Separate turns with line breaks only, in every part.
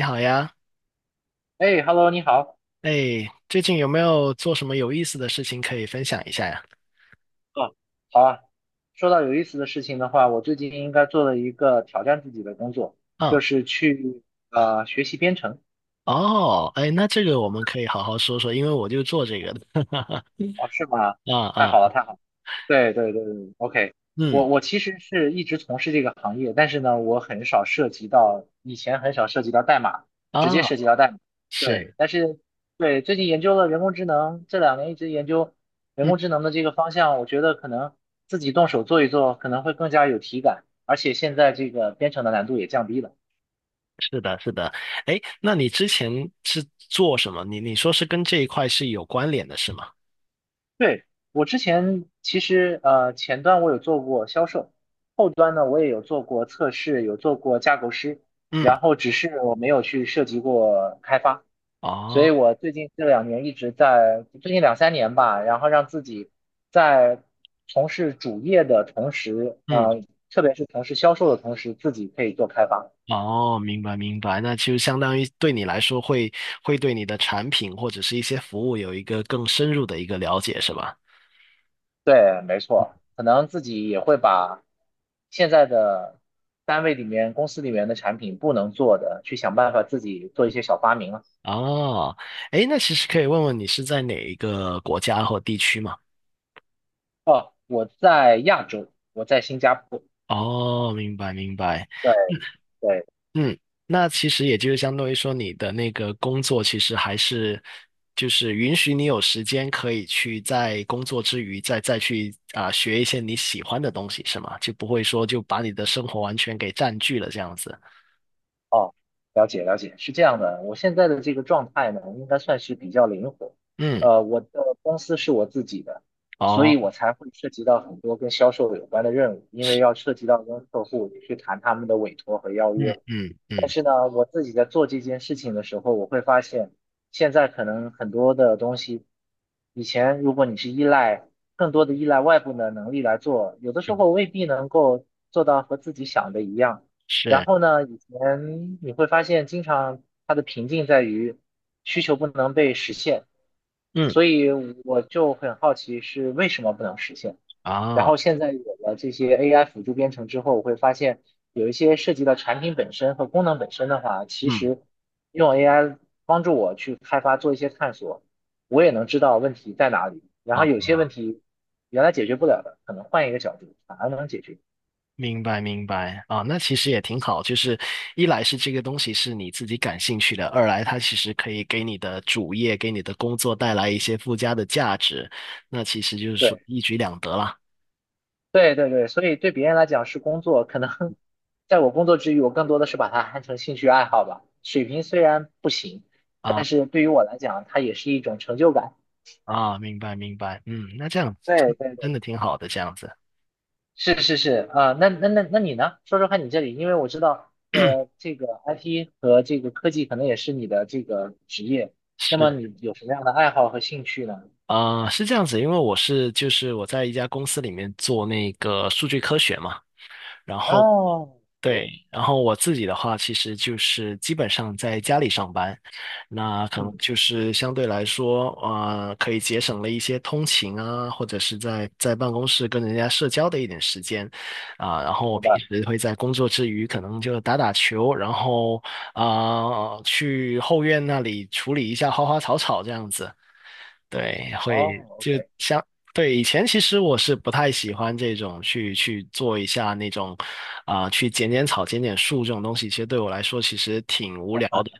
你好呀，
哎，Hello，你好。
哎，最近有没有做什么有意思的事情可以分享一下呀？
嗯，好啊，说到有意思的事情的话，我最近应该做了一个挑战自己的工作，就
啊，
是去学习编程。
哦，哎，那这个我们可以好好说说，因为我就做这个的。
哦，是吗？
啊
太
啊，
好了，太好了。对对对对，OK，
嗯，
我其实是一直从事这个行业，但是呢，我很少涉及到，以前很少涉及到代码，直
啊，
接涉及到代码。对，
是，
但是对最近研究了人工智能，这两年一直研究人
嗯，
工智能的这个方向，我觉得可能自己动手做一做，可能会更加有体感，而且现在这个编程的难度也降低了。
是的，是的。哎，那你之前是做什么？你说是跟这一块是有关联的，是吗？
对，我之前其实前端我有做过销售，后端呢我也有做过测试，有做过架构师，
嗯，
然后只是我没有去涉及过开发，所以
哦，
我最近这两年一直在，最近两三年吧，然后让自己在从事主业的同时，
嗯，
特别是从事销售的同时，自己可以做开发。
哦，明白明白，那就相当于对你来说会对你的产品或者是一些服务有一个更深入的一个了解，是吧？
对，没错，可能自己也会把现在的单位里面、公司里面的产品不能做的，去想办法自己做一些小发明了。
哦，诶，那其实可以问问你是在哪一个国家或地区吗？
哦，我在亚洲，我在新加坡。
哦，明白明白，
对对，
嗯，那其实也就是相当于说你的那个工作其实还是就是允许你有时间可以去在工作之余再去学一些你喜欢的东西是吗？就不会说就把你的生活完全给占据了这样子。
哦，了解了解，是这样的。我现在的这个状态呢，应该算是比较灵活。
嗯，
我的公司是我自己的，所
哦，
以我才会涉及到很多跟销售有关的任务，因为要涉及到跟客户去谈他们的委托和邀
嗯
约。
嗯
但
嗯
是呢，我自己在做这件事情的时候，我会发现，现在可能很多的东西，以前如果你是依赖更多的依赖外部的能力来做，有的时
嗯，
候未必能够做到和自己想的一样。然
是，
后呢，以前你会发现，经常它的瓶颈在于需求不能被实现，
嗯
所以我就很好奇是为什么不能实现。然
啊，
后现在有了这些 AI 辅助编程之后，我会发现有一些涉及到产品本身和功能本身的话，其
嗯。
实用 AI 帮助我去开发做一些探索，我也能知道问题在哪里。然后有
哦
些问题原来解决不了的，可能换一个角度反而能解决。
明白明白啊，那其实也挺好，就是一来是这个东西是你自己感兴趣的，二来它其实可以给你的主业、给你的工作带来一些附加的价值，那其实就是说
对
一举两得啦。
对对对，所以对别人来讲是工作，可能 在我工作之余，我更多的是把它看成兴趣爱好吧。水平虽然不行，但
啊
是对于我来讲，它也是一种成就感。
啊，明白明白，嗯，那这样这
对
样
对
真
对。
的挺好的，这样子。
是是是啊，那你呢？说说看你这里，因为我知道，这个 IT 和这个科技可能也是你的这个职业，那
是
么你有什么样的爱好和兴趣呢？
啊，是这样子，因为我是就是我在一家公司里面做那个数据科学嘛，然后
哦，哎，
对，然后我自己的话，其实就是基本上在家里上班，那可能
嗯，
就是相对来说，可以节省了一些通勤啊，或者是在办公室跟人家社交的一点时间，然后我
明
平
白。
时会在工作之余，可能就打打球，然后去后院那里处理一下花花草草这样子，对，会。
哦，OK，
对，以前其实我是不太喜欢这种去做一下那种，去剪剪草、剪剪树这种东西，其实对我来说其实挺无聊的。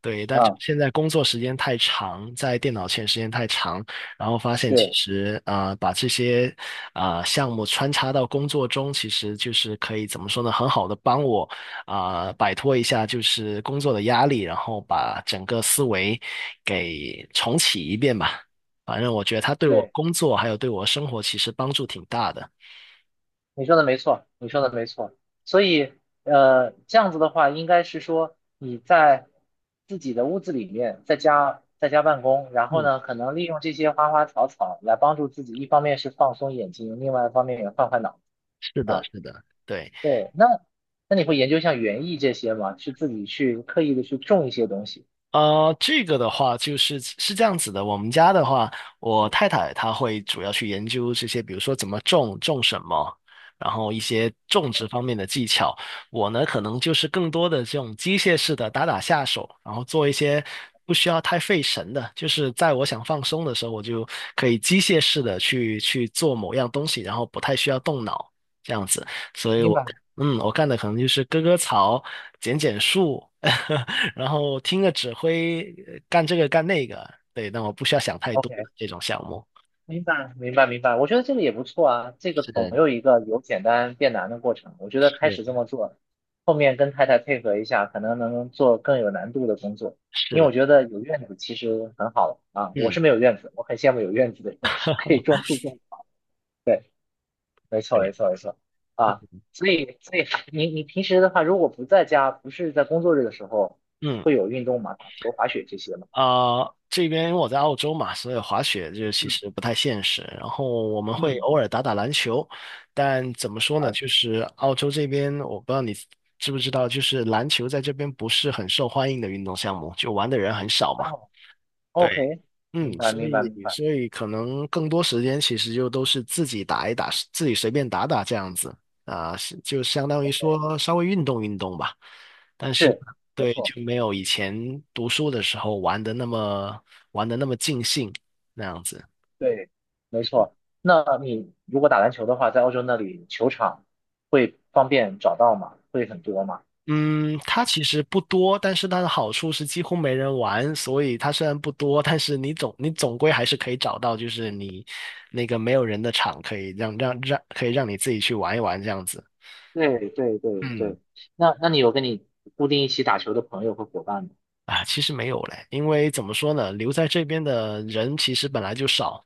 对，但就
啊，
现在工作时间太长，在电脑前时间太长，然后发现其
是，
实把这些项目穿插到工作中，其实就是可以怎么说呢，很好的帮我摆脱一下就是工作的压力，然后把整个思维给重启一遍吧。反正我觉得它对我
对，
工作还有对我生活其实帮助挺大的。
你说的没错，你说的没错。所以，这样子的话，应该是说你在自己的屋子里面，在家办公，然后
嗯，
呢，可能利用这些花花草草来帮助自己，一方面是放松眼睛，另外一方面也换换脑子
是的，
啊。
是的，对。
对，那你会研究像园艺这些吗？去自己去刻意的去种一些东西？
这个的话就是是这样子的。我们家的话，我太太她会主要去研究这些，比如说怎么种、种什么，然后一些种植方面的技巧。我呢，可能就是更多的这种机械式的打打下手，然后做一些不需要太费神的，就是在我想放松的时候，我就可以机械式的去做某样东西，然后不太需要动脑这样子。所以
明
我。
白。
嗯，我干的可能就是割割草、剪剪树，然后听个指挥，干这个干那个。对，但我不需要想太多的
OK。
这种项目。
明白，明白，明白。我觉得这个也不错啊，这个
是
总
的，
有一个由简单变难的过程。我觉得开始这
是
么做，后面跟太太配合一下，可能能做更有难度的工作。
是
因为
的，
我觉得有院子其实很好啊，我
嗯，
是没有院子，我很羡慕有院子的人，可以种 树种。对，没错，没
对，
错，没错。啊，所以，所以你平时的话，如果不在家，不是在工作日的时候，
嗯，
会有运动吗？打球、滑雪这些吗？
啊，这边因为我在澳洲嘛，所以滑雪就其
嗯
实不太现实。然后我们会
嗯，
偶尔打打篮球，但怎么说呢，
滑
就
雪。
是澳洲这边，我不知道你知不知道，就是篮球在这边不是很受欢迎的运动项目，就玩的人很少嘛。
哦
对。
，OK，
嗯，
明白，
所
明白，明
以
白。
所以可能更多时间其实就都是自己打一打，自己随便打打这样子啊，是就相当于
OK。
说稍微运动运动吧。但是
是，没
对，
错，
就没有以前读书的时候玩的那么尽兴那样子。
对，没错。那你如果打篮球的话，在澳洲那里球场会方便找到吗？会很多吗？
嗯，它其实不多，但是它的好处是几乎没人玩，所以它虽然不多，但是你总归还是可以找到，就是你那个没有人的场，可以让让让可以让你自己去玩一玩这样子。
对对对
嗯。
对。那你有跟你固定一起打球的朋友和伙伴吗？
啊，其实没有嘞，因为怎么说呢，留在这边的人其实本来就少，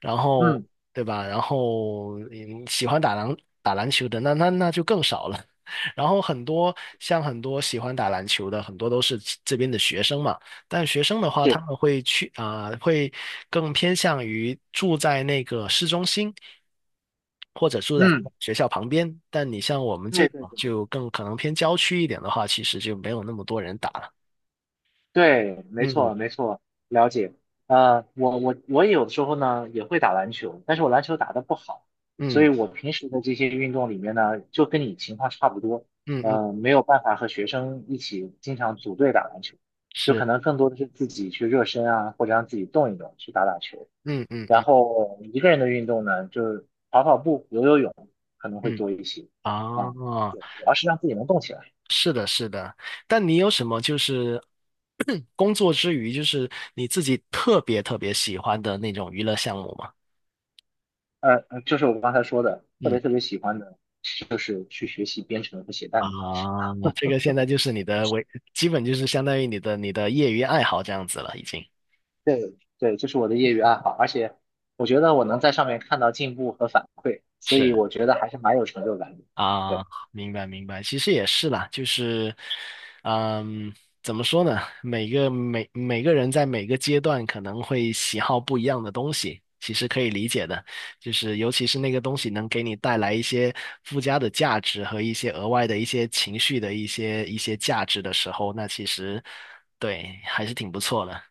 然后
嗯，
对吧？然后嗯，喜欢打篮球的，那就更少了。然后很多像很多喜欢打篮球的，很多都是这边的学生嘛。但学生的话，他
是，
们会去啊、会更偏向于住在那个市中心，或者住在他们
嗯，
学校旁边。但你像我们这
对对
种
对。
就更可能偏郊区一点的话，其实就没有那么多人打了。
对，没
嗯，
错，没错，了解。我有的时候呢也会打篮球，但是我篮球打得不好，所
嗯
以我平时的这些运动里面呢，就跟你情况差不多，
嗯嗯，
没有办法和学生一起经常组队打篮球，就
是，
可能更多的是自己去热身啊，或者让自己动一动，去打打球。
嗯嗯
然
嗯
后一个人的运动呢，就是跑跑步、游游泳，可能会
嗯，
多一些。啊，
哦，
对，主要是让自己能动起来。
是的，是的。但你有什么就是 工作之余，就是你自己特别特别喜欢的那种娱乐项目吗？
就是我刚才说的，特
嗯
别特别喜欢的，就是去学习编程和写代
啊，
码。
那这个现在就是你的为，基本就是相当于你的业余爱好这样子了，已经。
对，这是我的业余爱好，而且我觉得我能在上面看到进步和反馈，所以
是。
我觉得还是蛮有成就感的。
啊，
对，
明白明白，其实也是啦，就是，嗯，怎么说呢？每个人在每个阶段可能会喜好不一样的东西，其实可以理解的。就是尤其是那个东西能给你带来一些附加的价值和一些额外的一些情绪的一些价值的时候，那其实对还是挺不错的。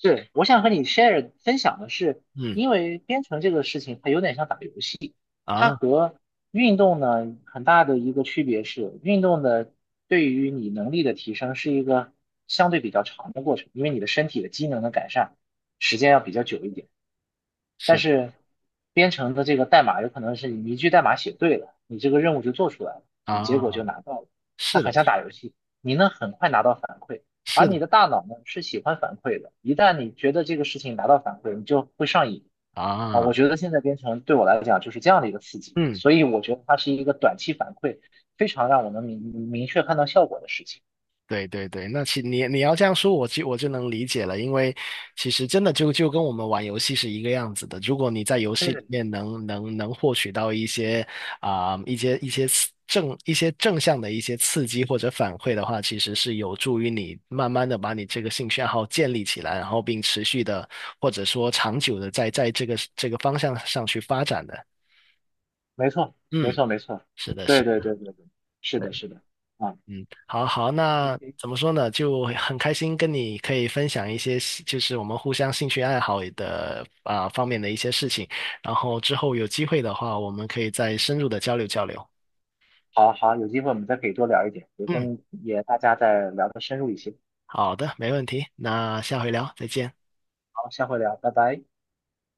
是，我想和你 share 分享的是，
嗯
因为编程这个事情它有点像打游戏，它
啊，
和运动呢很大的一个区别是，运动的对于你能力的提升是一个相对比较长的过程，因为你的身体的机能的改善时间要比较久一点。但
是
是编程的这个代码有可能是你一句代码写对了，你这个任务就做出来了，你结果
啊，
就拿到了。它
是的，
很像打游戏，你能很快拿到反馈，而
是的
你的大脑呢是喜欢反馈的。一旦你觉得这个事情拿到反馈，你就会上瘾啊。我
啊，
觉得现在编程对我来讲就是这样的一个刺激，
嗯。
所以我觉得它是一个短期反馈，非常让我能明确看到效果的事情。
对对对，那你要这样说，我就能理解了，因为其实真的就跟我们玩游戏是一个样子的。如果你在游戏里
嗯，
面能获取到一些正向的一些刺激或者反馈的话，其实是有助于你慢慢的把你这个兴趣爱好建立起来，然后并持续的或者说长久的在这个方向上去发展的。
没错，没
嗯，
错，没错，
是的，是
对对对
的。
对对，是的，
对。
是的，啊
嗯，好好，那
，OK。
怎么说呢？就很开心跟你可以分享一些兴就是我们互相兴趣爱好的方面的一些事情。然后之后有机会的话，我们可以再深入的交流交流。
好好，有机会我们再可以多聊一点，也
嗯，
跟也大家再聊得深入一些。
好的，没问题。那下回聊，再见。
好，下回聊，拜拜。